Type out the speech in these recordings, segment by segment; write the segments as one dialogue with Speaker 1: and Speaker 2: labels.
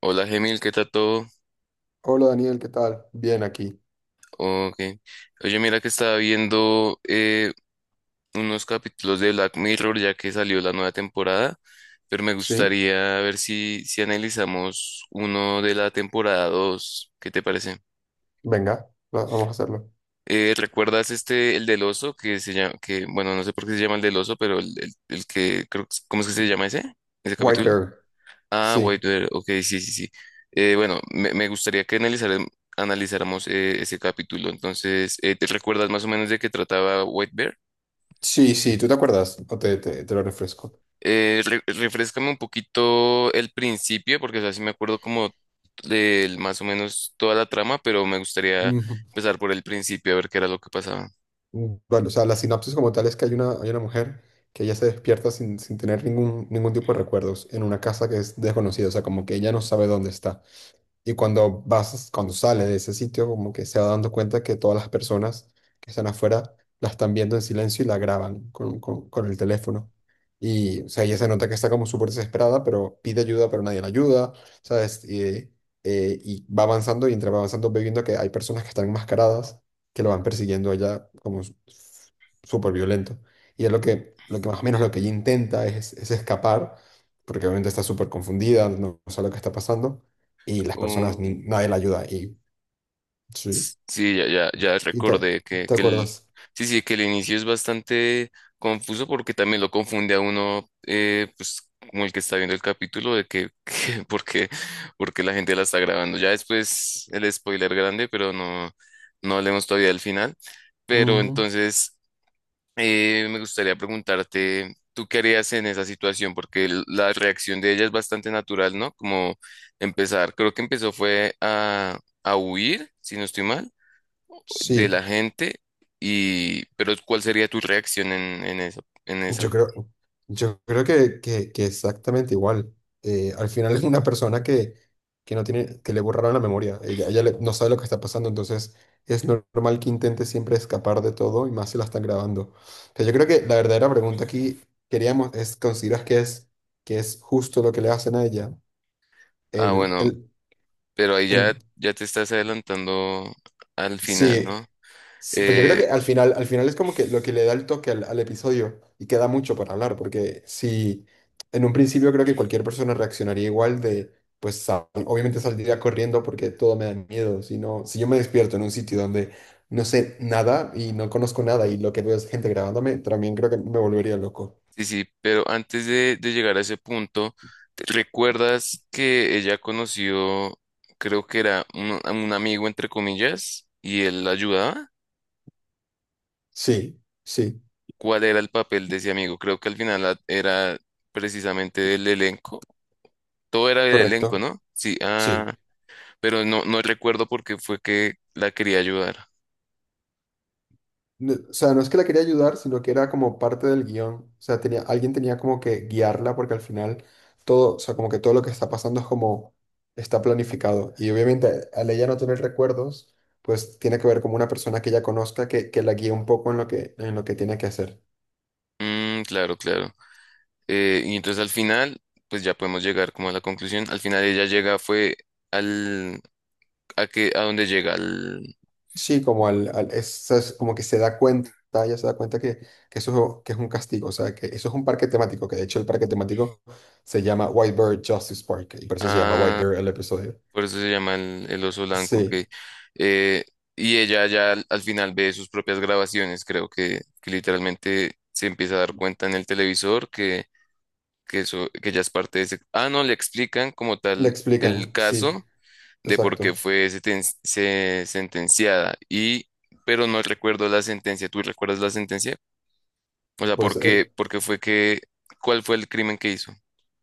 Speaker 1: Hola Gemil, ¿qué tal todo?
Speaker 2: Hola Daniel, ¿qué tal? Bien aquí.
Speaker 1: Okay. Oye, mira que estaba viendo unos capítulos de Black Mirror ya que salió la nueva temporada, pero me
Speaker 2: Sí,
Speaker 1: gustaría ver si analizamos uno de la temporada 2. ¿Qué te parece?
Speaker 2: venga, vamos a hacerlo.
Speaker 1: ¿Recuerdas este, el del oso, que se llama, que, bueno, no sé por qué se llama el del oso, pero el que, creo, ¿cómo es que se llama ese? ¿Ese
Speaker 2: White
Speaker 1: capítulo?
Speaker 2: Bear.
Speaker 1: Ah,
Speaker 2: Sí,
Speaker 1: White Bear, ok, sí, sí, sí. Bueno, me gustaría que analizáramos ese capítulo. Entonces, ¿te recuerdas más o menos de qué trataba White Bear?
Speaker 2: sí, sí, ¿tú te acuerdas? O te lo refresco.
Speaker 1: Refréscame un poquito el principio, porque así me acuerdo como del más o menos toda la trama, pero me gustaría
Speaker 2: Ujú.
Speaker 1: empezar por el principio a ver qué era lo que pasaba.
Speaker 2: Bueno, o sea, la sinopsis como tal es que hay una mujer que ella se despierta sin tener ningún tipo de recuerdos en una casa que es desconocida, o sea, como que ella no sabe dónde está. Y cuando sales de ese sitio, como que se va dando cuenta que todas las personas que están afuera la están viendo en silencio y la graban con el teléfono. Y, o sea, ella se nota que está como súper desesperada, pero pide ayuda, pero nadie la ayuda, ¿sabes? Y va avanzando y entre va avanzando ve viendo que hay personas que están enmascaradas que lo van persiguiendo a ella súper violento. Y es lo que más o menos lo que ella intenta es escapar, porque obviamente está súper confundida, no sabe lo que está pasando y las personas, nadie la ayuda. Y sí,
Speaker 1: Sí, ya, ya, ya
Speaker 2: y te,
Speaker 1: recordé que,
Speaker 2: te
Speaker 1: que el,
Speaker 2: acuerdas.
Speaker 1: sí, sí, que el inicio es bastante confuso porque también lo confunde a uno, pues como el que está viendo el capítulo de que, porque la gente la está grabando. Ya después el spoiler grande, pero no, no hablemos todavía del final. Pero
Speaker 2: Ujú.
Speaker 1: entonces me gustaría preguntarte, ¿tú qué harías en esa situación? Porque la reacción de ella es bastante natural, ¿no? Como empezar, creo que empezó fue a huir, si no estoy mal de la
Speaker 2: Sí,
Speaker 1: gente y, pero ¿cuál sería tu reacción en esa, en esa?
Speaker 2: yo creo, yo creo que exactamente igual. Al final es una persona que no tiene, que le borraron la memoria. No sabe lo que está pasando, entonces es normal que intente siempre escapar de todo y más si la están grabando. Pero yo creo que la verdadera pregunta aquí queríamos es, ¿consideras que es justo lo que le hacen a ella?
Speaker 1: Ah,
Speaker 2: El,
Speaker 1: bueno,
Speaker 2: el,
Speaker 1: pero ahí ya,
Speaker 2: el,
Speaker 1: ya te estás adelantando al final,
Speaker 2: sí,
Speaker 1: ¿no?
Speaker 2: sí, pues yo creo
Speaker 1: Eh,
Speaker 2: que al final es como que lo que le da el toque al episodio y queda mucho para hablar, porque si en un principio creo que cualquier persona reaccionaría pues obviamente saldría corriendo porque todo me da miedo, si no, si yo me despierto en un sitio donde no sé nada y no conozco nada y lo que veo es gente grabándome, también creo que me volvería loco.
Speaker 1: sí, sí, pero antes de llegar a ese punto, ¿recuerdas que ella conoció, creo que era a un amigo, entre comillas, y él la ayudaba?
Speaker 2: Sí, sí,
Speaker 1: ¿Cuál era el papel de ese amigo? Creo que al final era precisamente del elenco. Todo era del elenco,
Speaker 2: correcto,
Speaker 1: ¿no? Sí, ah.
Speaker 2: sí.
Speaker 1: Pero no, no recuerdo por qué fue que la quería ayudar.
Speaker 2: O sea, no es que la quería ayudar, sino que era como parte del guión. O sea, tenía, alguien tenía como que guiarla porque al final todo, o sea, como que todo lo que está pasando es como está planificado. Y obviamente al ella no tener recuerdos, pues tiene que ver como una persona que ella conozca que la guíe un poco en lo en lo que tiene que hacer.
Speaker 1: Mm, claro, claro. Y entonces al final, pues ya podemos llegar como a la conclusión. Al final ella llega, fue al, a que, a dónde llega, al,
Speaker 2: Sí, como es como que se da cuenta, ella se da cuenta que eso que es un castigo, o sea, que eso es un parque temático, que de hecho el parque temático se llama White Bear Justice Park, y por eso se llama White
Speaker 1: a,
Speaker 2: Bear el episodio.
Speaker 1: por eso se llama el oso blanco,
Speaker 2: Sí.
Speaker 1: que, eh, y ella ya al final ve sus propias grabaciones, creo que literalmente se empieza a dar cuenta en el televisor que eso, que ella es parte de ese, ah, no, le explican como
Speaker 2: Le
Speaker 1: tal el
Speaker 2: explican, sí,
Speaker 1: caso de por
Speaker 2: exacto.
Speaker 1: qué fue sentenciada. Y, pero no recuerdo la sentencia. ¿Tú recuerdas la sentencia? O sea,
Speaker 2: Pues el,
Speaker 1: por qué fue que, cuál fue el crimen que hizo?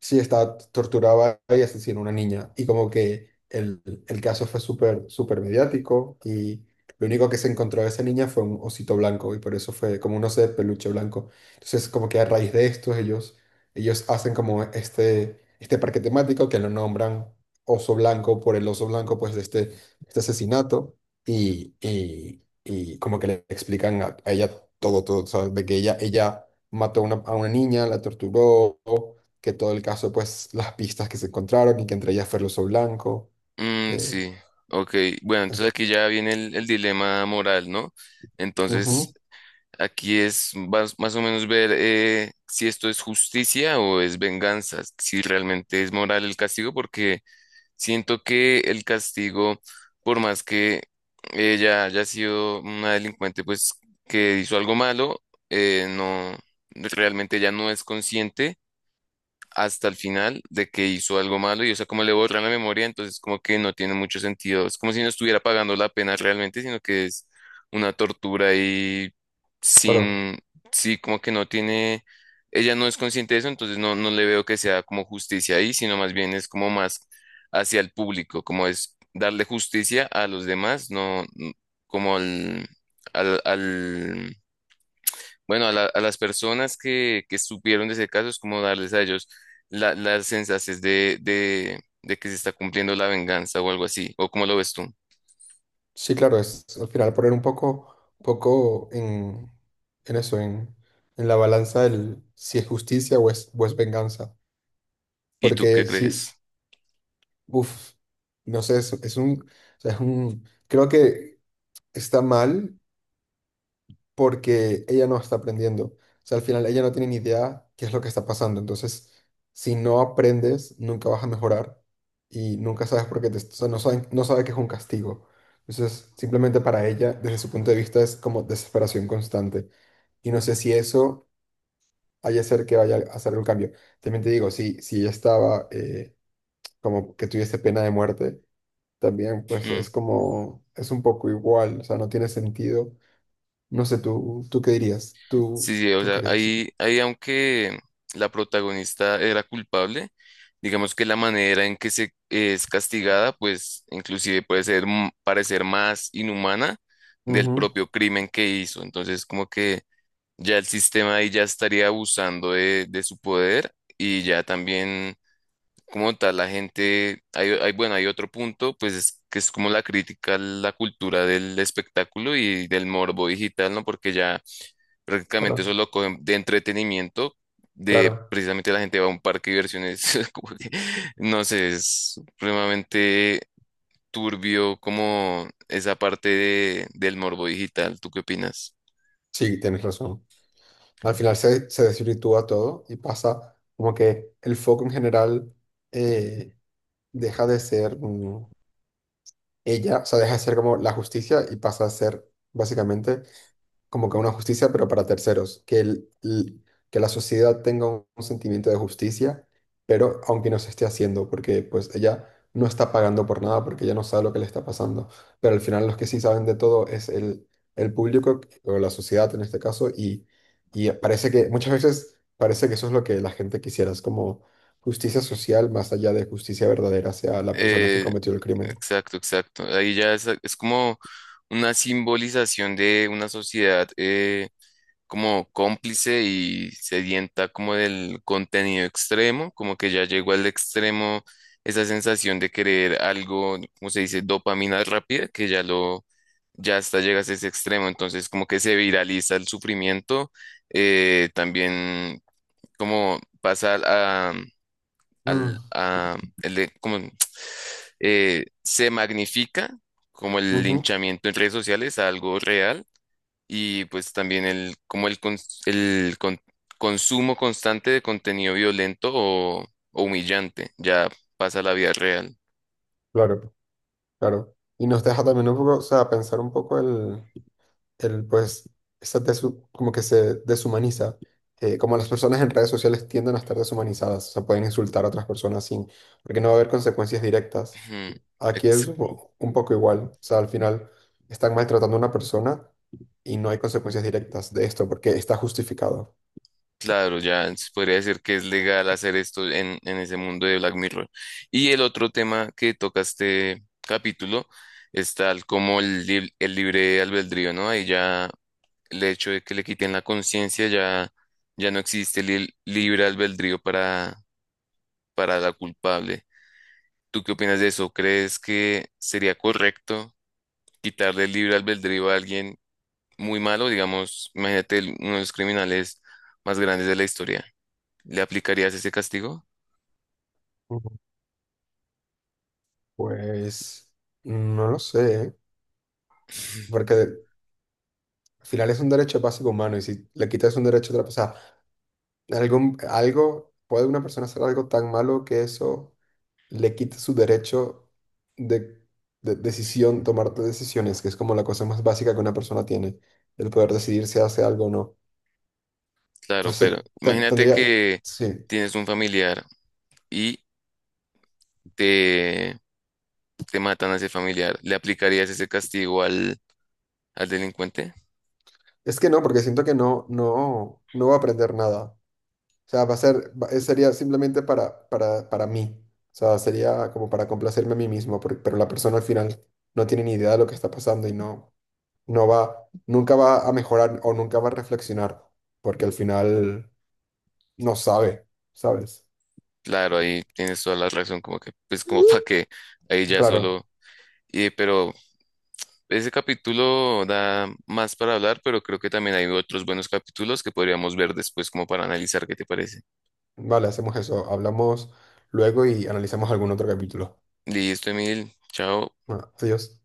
Speaker 2: sí estaba torturaba y asesinó a una niña. Y como el caso fue súper, súper mediático y lo único que se encontró de esa niña fue un osito blanco y por eso fue como un oso de peluche blanco. Entonces como que a raíz de esto ellos hacen como este parque temático que lo nombran oso blanco por el oso blanco pues de este asesinato y como que le explican a ella todo, todo, o sea, de que ella mató a a una niña, la torturó que todo el caso, pues las pistas que se encontraron y que entre ellas fue el uso blanco.
Speaker 1: Mm,
Speaker 2: eh,
Speaker 1: sí, ok. Bueno, entonces
Speaker 2: es-
Speaker 1: aquí ya viene el dilema moral, ¿no? Entonces,
Speaker 2: Ujú.
Speaker 1: aquí es más, más o menos ver si esto es justicia o es venganza, si realmente es moral el castigo, porque siento que el castigo, por más que ella haya sido una delincuente, pues que hizo algo malo, no, realmente ella no es consciente hasta el final de que hizo algo malo y o sea, como le borran la memoria, entonces como que no tiene mucho sentido. Es como si no estuviera pagando la pena realmente, sino que es una tortura y
Speaker 2: Pero
Speaker 1: sin, sí, como que no tiene, ella no es consciente de eso, entonces no, no le veo que sea como justicia ahí, sino más bien es como más hacia el público, como es darle justicia a los demás, como al, al bueno, a, a las personas que supieron de ese caso es como darles a ellos las sensaciones de que se está cumpliendo la venganza o algo así, o cómo lo ves tú.
Speaker 2: sí, claro, es al final poner un poco en eso, en la balanza del si es justicia o o es venganza.
Speaker 1: ¿Y tú qué
Speaker 2: Porque sí,
Speaker 1: crees?
Speaker 2: uff, no sé, es un, o sea, es un, creo que está mal porque ella no está aprendiendo. O sea, al final ella no tiene ni idea qué es lo que está pasando. Entonces, si no aprendes, nunca vas a mejorar y nunca sabes por qué te, o sea, no saben, no sabe que es un castigo. Entonces, simplemente para ella, desde su punto de vista, es como desesperación constante. Y no sé si eso haya ser que vaya a hacer un cambio. También te digo, si ella estaba como que tuviese pena de muerte, también pues
Speaker 1: Mm.
Speaker 2: es como, es un poco igual, o sea, no tiene sentido no sé, ¿tú qué dirías?
Speaker 1: Sí, sí, o
Speaker 2: ¿Tú
Speaker 1: sea,
Speaker 2: qué crees?
Speaker 1: ahí, ahí aunque la protagonista era culpable, digamos que la manera en que se es castigada, pues inclusive puede ser parecer más inhumana del
Speaker 2: Ujú.
Speaker 1: propio crimen que hizo. Entonces, como que ya el sistema ahí ya estaría abusando de su poder y ya también como tal la gente, bueno, hay otro punto, pues es que es como la crítica a la cultura del espectáculo y del morbo digital, ¿no? Porque ya prácticamente
Speaker 2: Claro,
Speaker 1: eso lo cogen de entretenimiento, de
Speaker 2: claro.
Speaker 1: precisamente la gente va a un parque de diversiones, como que, no sé, es supremamente turbio como esa parte del morbo digital. ¿Tú qué opinas?
Speaker 2: Sí, tienes razón. Al se desvirtúa todo y pasa como que el foco en general eh, deja de ser o sea, deja de ser como la justicia y pasa a ser básicamente como que una justicia, pero para terceros, que la sociedad tenga un sentimiento de justicia, pero aunque no se esté haciendo, porque pues ella no está pagando por nada, porque ella no sabe lo que le está pasando, pero al final los que sí saben de todo es el público o la sociedad en este caso, y parece que muchas veces parece que eso es lo que la gente quisiera, es como justicia social más allá de justicia verdadera hacia la persona que
Speaker 1: Eh,
Speaker 2: cometió el crimen.
Speaker 1: exacto, exacto. Ahí ya es como una simbolización de una sociedad como cómplice y sedienta como del contenido extremo, como que ya llegó al extremo esa sensación de querer algo, como se dice, dopamina rápida, que ya ya hasta llegas a ese extremo. Entonces como que se viraliza el sufrimiento, también como pasa
Speaker 2: Mm,
Speaker 1: al, como, se magnifica como el
Speaker 2: ujú.
Speaker 1: linchamiento en redes sociales a algo real y pues también como el, cons- el con- consumo constante de contenido violento o humillante ya pasa a la vida real.
Speaker 2: Claro. Claro. Y nos deja también un poco, o sea, pensar un poco el pues, esa como que se deshumaniza. Como las personas en redes sociales tienden a estar deshumanizadas, o sea, pueden insultar a otras personas sin, porque no va a haber consecuencias directas.
Speaker 1: Ujú.
Speaker 2: Aquí es un poco igual, o sea, al final están maltratando a una persona y no hay consecuencias directas de esto porque está justificado.
Speaker 1: Claro, ya se podría decir que es legal hacer esto en ese mundo de Black Mirror. Y el otro tema que toca este capítulo es tal como el libre albedrío, ¿no? Ahí ya el hecho de que le quiten la conciencia ya, ya no existe el libre albedrío para la culpable. ¿Tú qué opinas de eso? ¿Crees que sería correcto quitarle el libre albedrío a alguien muy malo? Digamos, imagínate uno de los criminales más grandes de la historia. ¿Le aplicarías ese castigo?
Speaker 2: Ujú. Pues no lo sé, porque al final es un derecho básico humano y si le quitas un derecho a otra persona, Algo, ¿puede una persona hacer algo tan malo que eso le quite su derecho de, de decisión, tomar decisiones, que es como la cosa más básica que una persona tiene, el poder decidir si hace algo o no?
Speaker 1: Claro, pero imagínate
Speaker 2: Tendría,
Speaker 1: que
Speaker 2: sí.
Speaker 1: tienes un familiar y te, te matan a ese familiar. ¿Le aplicarías ese castigo al delincuente?
Speaker 2: Es que no, porque siento que no va a aprender nada. O sea, va a ser, va- sería simplemente para mí. O sea, sería como para complacerme a mí mismo, porque pero la persona al final no tiene ni idea de lo que está pasando y no. Nunca va a mejorar o nunca va a reflexionar, porque al final no sabe, ¿sabes?
Speaker 1: Claro, ahí tienes toda la razón, como que, pues como para que ahí ya
Speaker 2: Claro,
Speaker 1: solo... Y, pero ese capítulo da más para hablar, pero creo que también hay otros buenos capítulos que podríamos ver después como para analizar qué te parece.
Speaker 2: vale, hacemos eso, hablamos luego y analizamos algún otro capítulo.
Speaker 1: Listo, Emil, chao.
Speaker 2: Bueno, adiós.